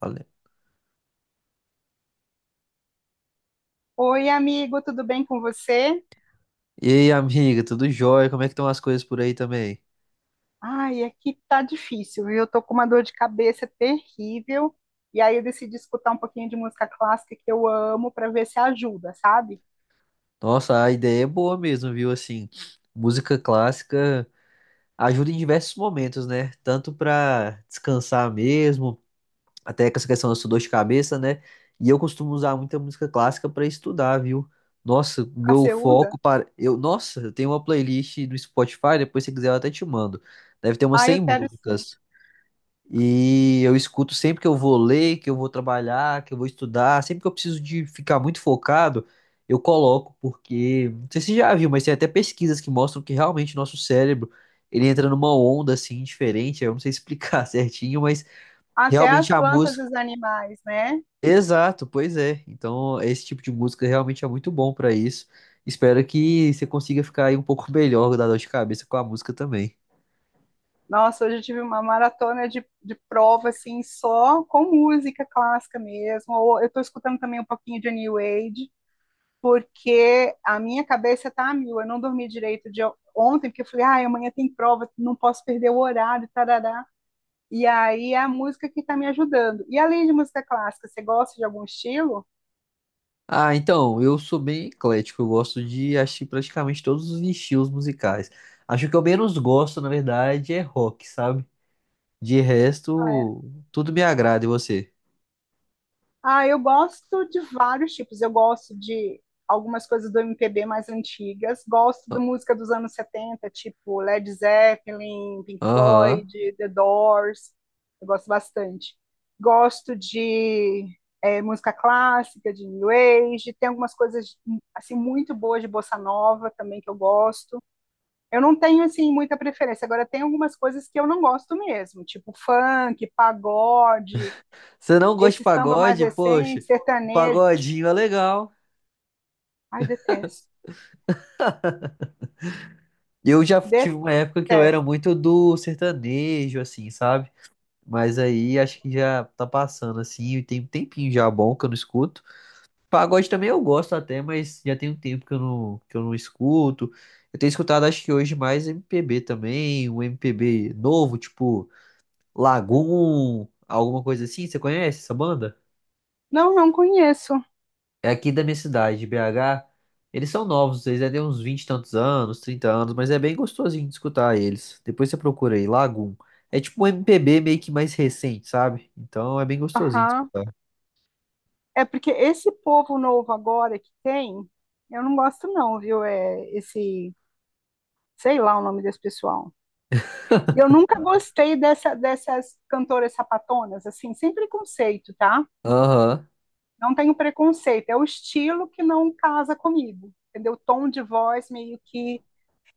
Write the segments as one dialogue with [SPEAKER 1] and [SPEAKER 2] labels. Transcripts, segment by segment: [SPEAKER 1] Falei.
[SPEAKER 2] Oi, amigo, tudo bem com você?
[SPEAKER 1] E aí, amiga, tudo jóia? Como é que estão as coisas por aí também?
[SPEAKER 2] Ai, aqui tá difícil, viu? Eu tô com uma dor de cabeça terrível. E aí eu decidi escutar um pouquinho de música clássica que eu amo para ver se ajuda, sabe?
[SPEAKER 1] Nossa, a ideia é boa mesmo, viu? Assim, música clássica ajuda em diversos momentos, né? Tanto pra descansar mesmo, até com essa questão da sua dor de cabeça, né? E eu costumo usar muita música clássica pra estudar, viu? Nossa,
[SPEAKER 2] Ah,
[SPEAKER 1] meu
[SPEAKER 2] você usa?
[SPEAKER 1] foco para eu, nossa, eu tenho uma playlist do Spotify, depois se quiser eu até te mando. Deve ter umas
[SPEAKER 2] Ah,
[SPEAKER 1] 100
[SPEAKER 2] eu quero sim.
[SPEAKER 1] músicas. E eu escuto sempre que eu vou ler, que eu vou trabalhar, que eu vou estudar, sempre que eu preciso de ficar muito focado, eu coloco, porque não sei se você já viu, mas tem até pesquisas que mostram que realmente nosso cérebro, ele entra numa onda assim diferente, eu não sei explicar certinho, mas
[SPEAKER 2] Até
[SPEAKER 1] realmente
[SPEAKER 2] as
[SPEAKER 1] a
[SPEAKER 2] plantas e
[SPEAKER 1] música,
[SPEAKER 2] os animais, né?
[SPEAKER 1] exato, pois é. Então, esse tipo de música realmente é muito bom pra isso. Espero que você consiga ficar aí um pouco melhor da dor de cabeça com a música também.
[SPEAKER 2] Nossa, hoje eu tive uma maratona de prova, assim, só com música clássica mesmo. Ou eu tô escutando também um pouquinho de New Age, porque a minha cabeça tá a mil. Eu não dormi direito de ontem, porque eu falei, ah, amanhã tem prova, não posso perder o horário, tarará. E aí é a música que tá me ajudando. E além de música clássica, você gosta de algum estilo?
[SPEAKER 1] Ah, então, eu sou bem eclético, eu gosto de assistir praticamente todos os estilos musicais. Acho que eu menos gosto, na verdade, é rock, sabe? De
[SPEAKER 2] Ah,
[SPEAKER 1] resto, tudo me agrada, e você?
[SPEAKER 2] Ah, eu gosto de vários tipos. Eu gosto de algumas coisas do MPB mais antigas. Gosto da
[SPEAKER 1] Ah,
[SPEAKER 2] música dos anos 70, tipo Led Zeppelin, Pink
[SPEAKER 1] aham.
[SPEAKER 2] Floyd, The Doors. Eu gosto bastante. Gosto de música clássica, de New Age. Tem algumas coisas assim muito boas de bossa nova também que eu gosto. Eu não tenho assim muita preferência. Agora tem algumas coisas que eu não gosto mesmo, tipo funk, pagode,
[SPEAKER 1] Você não gosta de
[SPEAKER 2] esse samba mais
[SPEAKER 1] pagode? Poxa,
[SPEAKER 2] recente,
[SPEAKER 1] o
[SPEAKER 2] sertanejo.
[SPEAKER 1] pagodinho é legal.
[SPEAKER 2] Ai, detesto.
[SPEAKER 1] Eu já tive uma época que eu era
[SPEAKER 2] Detesto.
[SPEAKER 1] muito do sertanejo, assim, sabe? Mas aí acho que já tá passando, assim, e tem um tempinho já bom que eu não escuto. Pagode também eu gosto até, mas já tem um tempo que eu não escuto. Eu tenho escutado, acho que hoje, mais MPB também, um MPB novo, tipo Lagoon, alguma coisa assim. Você conhece essa banda?
[SPEAKER 2] Não, não conheço.
[SPEAKER 1] É aqui da minha cidade, de BH. Eles são novos, eles já têm uns 20 e tantos anos, 30 anos, mas é bem gostosinho de escutar eles. Depois você procura aí, Lagoon. É tipo um MPB meio que mais recente, sabe? Então é bem gostosinho de
[SPEAKER 2] Aham.
[SPEAKER 1] escutar.
[SPEAKER 2] É porque esse povo novo agora que tem, eu não gosto não, viu? É esse, sei lá o nome desse pessoal. E eu nunca gostei dessas cantoras sapatonas, assim, sem preconceito, tá?
[SPEAKER 1] Aham.
[SPEAKER 2] Não tenho preconceito, é o estilo que não casa comigo, entendeu? O tom de voz meio que.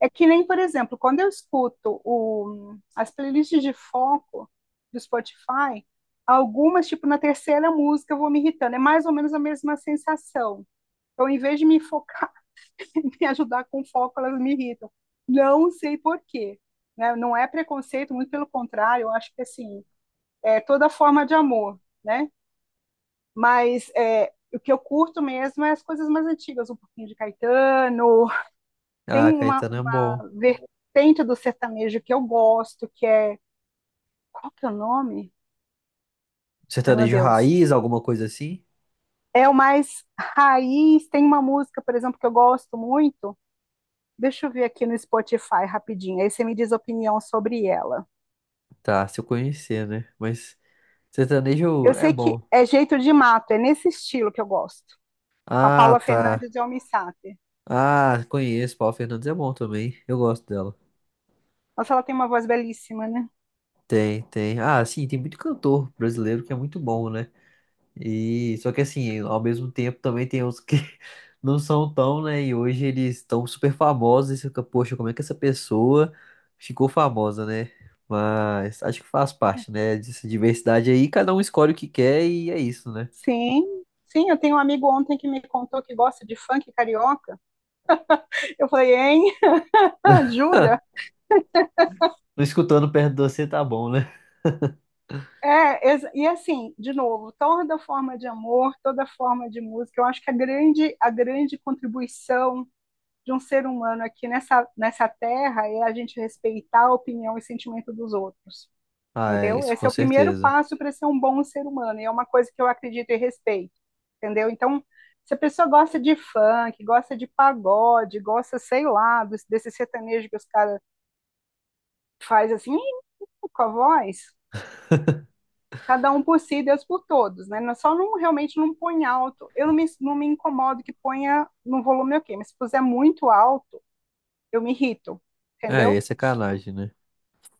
[SPEAKER 2] É que nem, por exemplo, quando eu escuto as playlists de foco do Spotify, algumas, tipo, na terceira música eu vou me irritando. É mais ou menos a mesma sensação. Então, em vez de me focar, me ajudar com foco, elas me irritam. Não sei por quê. Né? Não é preconceito, muito pelo contrário, eu acho que, assim, é toda forma de amor, né? Mas é, o que eu curto mesmo é as coisas mais antigas, um pouquinho de Caetano. Tem
[SPEAKER 1] Ah,
[SPEAKER 2] uma
[SPEAKER 1] Caetano é bom.
[SPEAKER 2] vertente do sertanejo que eu gosto, que é. Qual que é o nome? Ai, meu
[SPEAKER 1] Sertanejo
[SPEAKER 2] Deus.
[SPEAKER 1] raiz, alguma coisa assim?
[SPEAKER 2] É o mais raiz. Tem uma música, por exemplo, que eu gosto muito. Deixa eu ver aqui no Spotify rapidinho. Aí você me diz a opinião sobre ela.
[SPEAKER 1] Tá, se eu conhecer, né? Mas sertanejo
[SPEAKER 2] Eu
[SPEAKER 1] é
[SPEAKER 2] sei que
[SPEAKER 1] bom.
[SPEAKER 2] é Jeito de Mato, é nesse estilo que eu gosto. Com a Paula
[SPEAKER 1] Ah, tá.
[SPEAKER 2] Fernandes e o Almi Sater.
[SPEAKER 1] Ah, conheço. Paula Fernandes é bom também. Eu gosto dela.
[SPEAKER 2] Nossa, ela tem uma voz belíssima, né?
[SPEAKER 1] Tem, tem. Ah, sim, tem muito cantor brasileiro que é muito bom, né? E só que assim, ao mesmo tempo também tem uns que não são tão, né? E hoje eles estão super famosos. E você fica, poxa, como é que essa pessoa ficou famosa, né? Mas acho que faz parte, né? Dessa diversidade aí, cada um escolhe o que quer e é isso, né?
[SPEAKER 2] Sim, sim. Eu tenho um amigo ontem que me contou que gosta de funk carioca. Eu falei, hein? Jura?
[SPEAKER 1] Não escutando perto de você tá bom, né?
[SPEAKER 2] É, e assim, de novo, toda forma de amor, toda forma de música, eu acho que a grande contribuição de um ser humano aqui nessa terra é a gente respeitar a opinião e sentimento dos outros,
[SPEAKER 1] Ah, é,
[SPEAKER 2] entendeu?
[SPEAKER 1] isso
[SPEAKER 2] Esse
[SPEAKER 1] com
[SPEAKER 2] é o primeiro
[SPEAKER 1] certeza.
[SPEAKER 2] passo para ser um bom ser humano, e é uma coisa que eu acredito e respeito, entendeu? Então, se a pessoa gosta de funk, gosta de pagode, gosta, sei lá, desse sertanejo que os caras fazem assim, com a voz, cada um por si, Deus por todos, né? Só não realmente não põe alto. Eu não me incomodo que ponha no volume ok, mas se puser muito alto, eu me irrito,
[SPEAKER 1] É, é
[SPEAKER 2] entendeu?
[SPEAKER 1] sacanagem, né?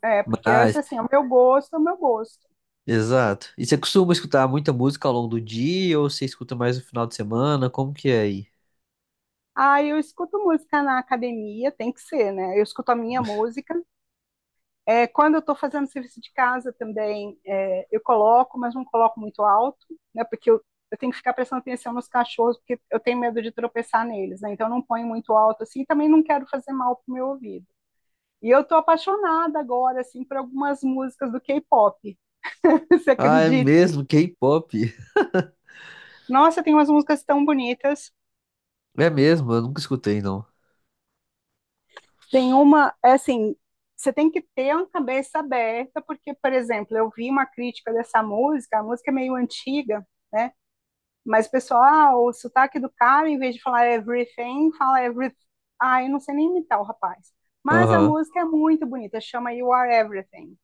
[SPEAKER 2] É, porque eu acho
[SPEAKER 1] Mas,
[SPEAKER 2] assim, é o meu gosto, é o meu gosto.
[SPEAKER 1] exato. E você costuma escutar muita música ao longo do dia ou você escuta mais no final de semana? Como que é aí?
[SPEAKER 2] Ah, eu escuto música na academia, tem que ser, né? Eu escuto a minha música. É, quando eu estou fazendo serviço de casa também, é, eu coloco, mas não coloco muito alto, né? Porque eu tenho que ficar prestando atenção nos cachorros, porque eu tenho medo de tropeçar neles, né? Então eu não ponho muito alto assim, e também não quero fazer mal pro meu ouvido. E eu tô apaixonada agora, assim, por algumas músicas do K-pop. Você
[SPEAKER 1] Ah, é
[SPEAKER 2] acredita?
[SPEAKER 1] mesmo, K-pop.
[SPEAKER 2] Nossa, tem umas músicas tão bonitas.
[SPEAKER 1] É mesmo, eu nunca escutei, não.
[SPEAKER 2] Tem uma, é assim, você tem que ter uma cabeça aberta, porque, por exemplo, eu vi uma crítica dessa música, a música é meio antiga, né? Mas o pessoal, ah, o sotaque do cara, em vez de falar everything, fala everything. Ah, eu não sei nem imitar o rapaz. Mas a
[SPEAKER 1] Aham.
[SPEAKER 2] música é muito bonita, chama You Are Everything.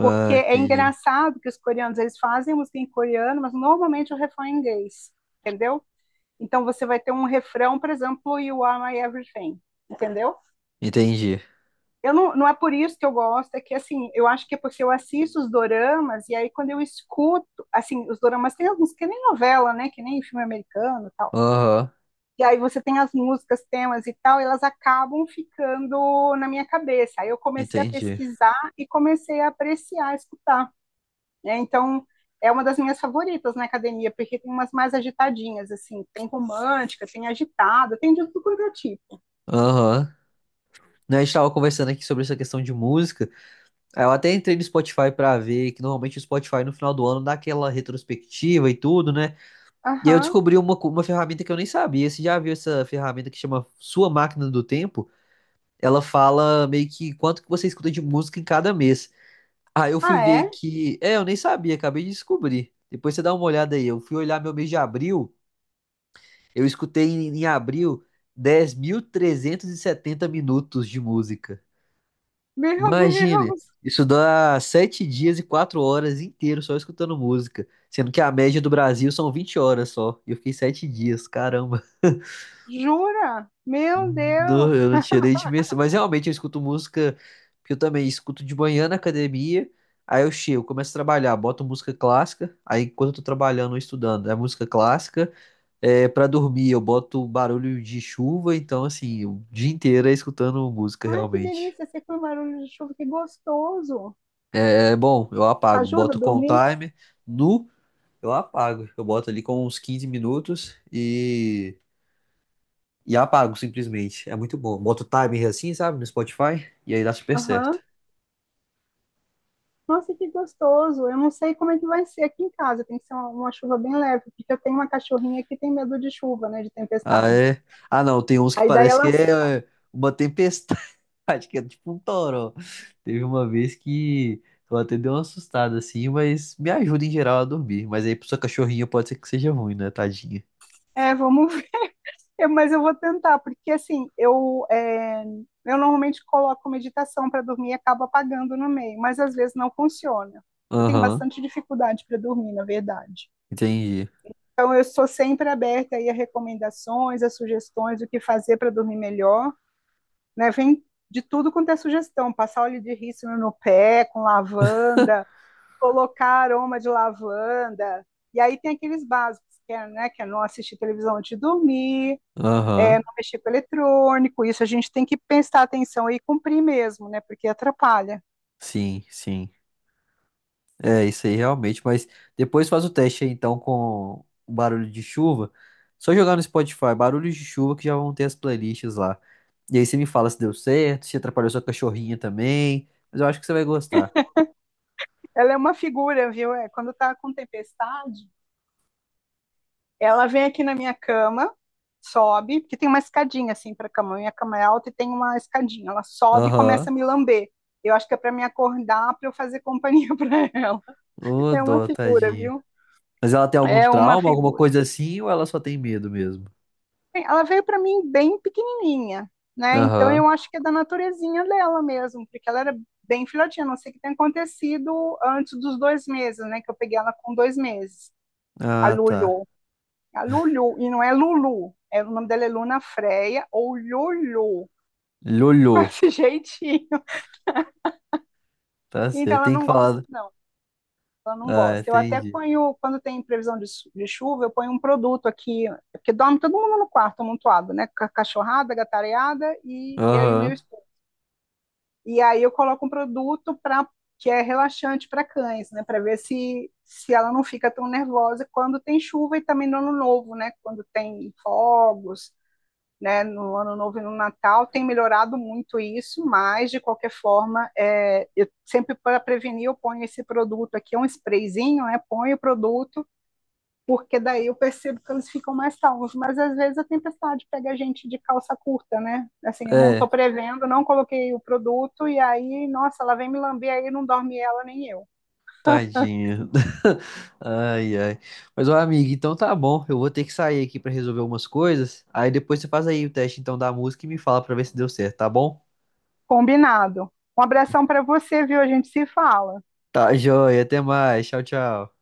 [SPEAKER 2] Porque é
[SPEAKER 1] entendi.
[SPEAKER 2] engraçado que os coreanos eles fazem música em coreano, mas normalmente o refrão é em inglês, entendeu? Então você vai ter um refrão, por exemplo, You Are My Everything, entendeu?
[SPEAKER 1] Entendi.
[SPEAKER 2] Eu não, não é por isso que eu gosto, é que assim, eu acho que é porque eu assisto os doramas e aí quando eu escuto, assim, os doramas tem alguns que nem novela, né, que nem filme americano, e tal.
[SPEAKER 1] Aham,
[SPEAKER 2] E aí você tem as músicas, temas e tal, e elas acabam ficando na minha cabeça. Aí eu comecei a
[SPEAKER 1] entendi.
[SPEAKER 2] pesquisar e comecei a apreciar, a escutar. Né? Então, é uma das minhas favoritas na academia, porque tem umas mais agitadinhas, assim. Tem romântica, tem agitada, tem de tudo quanto é tipo.
[SPEAKER 1] Aham. Né, a gente tava conversando aqui sobre essa questão de música. Aí eu até entrei no Spotify pra ver que normalmente o Spotify no final do ano dá aquela retrospectiva e tudo, né? E aí eu
[SPEAKER 2] Aham.
[SPEAKER 1] descobri uma, uma ferramenta que eu nem sabia. Você já viu essa ferramenta que chama Sua Máquina do Tempo? Ela fala meio que quanto que você escuta de música em cada mês. Aí eu fui
[SPEAKER 2] Ah,
[SPEAKER 1] ver
[SPEAKER 2] é?
[SPEAKER 1] que. É, eu nem sabia, acabei de descobrir. Depois você dá uma olhada aí. Eu fui olhar meu mês de abril. Eu escutei em, abril 10.370 minutos de música.
[SPEAKER 2] Meu
[SPEAKER 1] Imagine!
[SPEAKER 2] Deus!
[SPEAKER 1] Isso dá 7 dias e 4 horas inteiros só escutando música. Sendo que a média do Brasil são 20 horas só. E eu fiquei 7 dias, caramba.
[SPEAKER 2] Jura? Meu
[SPEAKER 1] Não,
[SPEAKER 2] Deus!
[SPEAKER 1] eu não tinha nem dimensão. Mas realmente eu escuto música, porque eu também escuto de manhã na academia. Aí eu chego, começo a trabalhar, boto música clássica. Aí enquanto eu tô trabalhando ou estudando, é música clássica. É, para dormir, eu boto barulho de chuva. Então, assim, o dia inteiro é escutando música
[SPEAKER 2] Ai, que
[SPEAKER 1] realmente.
[SPEAKER 2] delícia! Você com barulho de chuva, que gostoso!
[SPEAKER 1] É, é bom, eu apago,
[SPEAKER 2] Ajuda a
[SPEAKER 1] boto com o
[SPEAKER 2] dormir?
[SPEAKER 1] timer. Nu, eu apago. Eu boto ali com uns 15 minutos e, apago simplesmente. É muito bom. Boto o timer assim, sabe, no Spotify. E aí dá super certo.
[SPEAKER 2] Aham. Nossa, que gostoso! Eu não sei como é que vai ser aqui em casa. Tem que ser uma chuva bem leve, porque eu tenho uma cachorrinha que tem medo de chuva, né? De
[SPEAKER 1] Ah,
[SPEAKER 2] tempestade.
[SPEAKER 1] é? Ah, não, tem uns que
[SPEAKER 2] Aí daí
[SPEAKER 1] parece que
[SPEAKER 2] ela.
[SPEAKER 1] é uma tempestade, que é tipo um toró. Teve uma vez que eu até dei uma assustada assim, mas me ajuda em geral a dormir. Mas aí pra sua cachorrinha pode ser que seja ruim, né, tadinha?
[SPEAKER 2] É, mas eu vou tentar, porque assim, eu normalmente coloco meditação para dormir e acabo apagando no meio, mas às vezes não funciona. Eu tenho
[SPEAKER 1] Aham,
[SPEAKER 2] bastante dificuldade para dormir, na verdade.
[SPEAKER 1] entendi.
[SPEAKER 2] Então, eu sou sempre aberta aí a recomendações, a sugestões do que fazer para dormir melhor, né? Vem de tudo quanto é sugestão, passar óleo de rícino no pé com lavanda, colocar aroma de lavanda. E aí tem aqueles básicos, que é não assistir televisão antes de dormir,
[SPEAKER 1] Aham,
[SPEAKER 2] um mexer com eletrônico, isso a gente tem que prestar atenção e cumprir mesmo, né? Porque atrapalha.
[SPEAKER 1] sim, sim. É, isso aí realmente, mas depois faz o teste aí então com o barulho de chuva. Só jogar no Spotify, barulhos de chuva que já vão ter as playlists lá. E aí você me fala se deu certo, se atrapalhou sua cachorrinha também, mas eu acho que você vai gostar.
[SPEAKER 2] Ela é uma figura, viu? É, quando tá com tempestade, ela vem aqui na minha cama, sobe, porque tem uma escadinha assim para cama, minha cama é alta e tem uma escadinha. Ela sobe e
[SPEAKER 1] Aham.
[SPEAKER 2] começa a me lamber. Eu acho que é para me acordar, para eu fazer companhia para ela.
[SPEAKER 1] Ô,
[SPEAKER 2] É uma
[SPEAKER 1] dó,
[SPEAKER 2] figura,
[SPEAKER 1] tadinha.
[SPEAKER 2] viu?
[SPEAKER 1] Mas ela tem algum
[SPEAKER 2] É uma
[SPEAKER 1] trauma, alguma
[SPEAKER 2] figura.
[SPEAKER 1] coisa assim, ou ela só tem medo mesmo?
[SPEAKER 2] Ela veio para mim bem pequenininha, né? Então eu
[SPEAKER 1] Aham.
[SPEAKER 2] acho que é da naturezinha dela mesmo, porque ela era bem filhotinha. A Não sei o que tem acontecido antes dos 2 meses, né? Que eu peguei ela com 2 meses, a
[SPEAKER 1] Ah, tá.
[SPEAKER 2] Lulu. A Lulu, e não é Lulu, o nome dela é Luna Freia ou Lulu, com
[SPEAKER 1] Lolô.
[SPEAKER 2] esse jeitinho.
[SPEAKER 1] Tá
[SPEAKER 2] Então
[SPEAKER 1] certo.
[SPEAKER 2] ela
[SPEAKER 1] Tem que
[SPEAKER 2] não gosta,
[SPEAKER 1] falar.
[SPEAKER 2] não. Ela não
[SPEAKER 1] Ah,
[SPEAKER 2] gosta. Eu até
[SPEAKER 1] entendi.
[SPEAKER 2] ponho, quando tem previsão de chuva, eu ponho um produto aqui, porque dorme todo mundo no quarto amontoado, né? Com a cachorrada, a gatareada e eu e meu
[SPEAKER 1] Aham.
[SPEAKER 2] esposo. E aí eu coloco um produto para que é relaxante para cães, né, para ver se ela não fica tão nervosa quando tem chuva e também no ano novo, né, quando tem fogos, né, no ano novo e no Natal tem melhorado muito isso, mas de qualquer forma, eu sempre para prevenir eu ponho esse produto aqui, é um sprayzinho, né, ponho o produto porque daí eu percebo que eles ficam mais calmos. Mas às vezes a tempestade pega a gente de calça curta, né? Assim, eu não
[SPEAKER 1] É.
[SPEAKER 2] estou prevendo, não coloquei o produto, e aí, nossa, ela vem me lamber, aí não dorme ela nem eu.
[SPEAKER 1] Tadinho. Ai, ai. Mas, ó, amigo, então tá bom. Eu vou ter que sair aqui pra resolver algumas coisas. Aí depois você faz aí o teste então da música e me fala pra ver se deu certo, tá bom?
[SPEAKER 2] Combinado. Um abração para você, viu? A gente se fala.
[SPEAKER 1] Tá joia. Até mais. Tchau, tchau.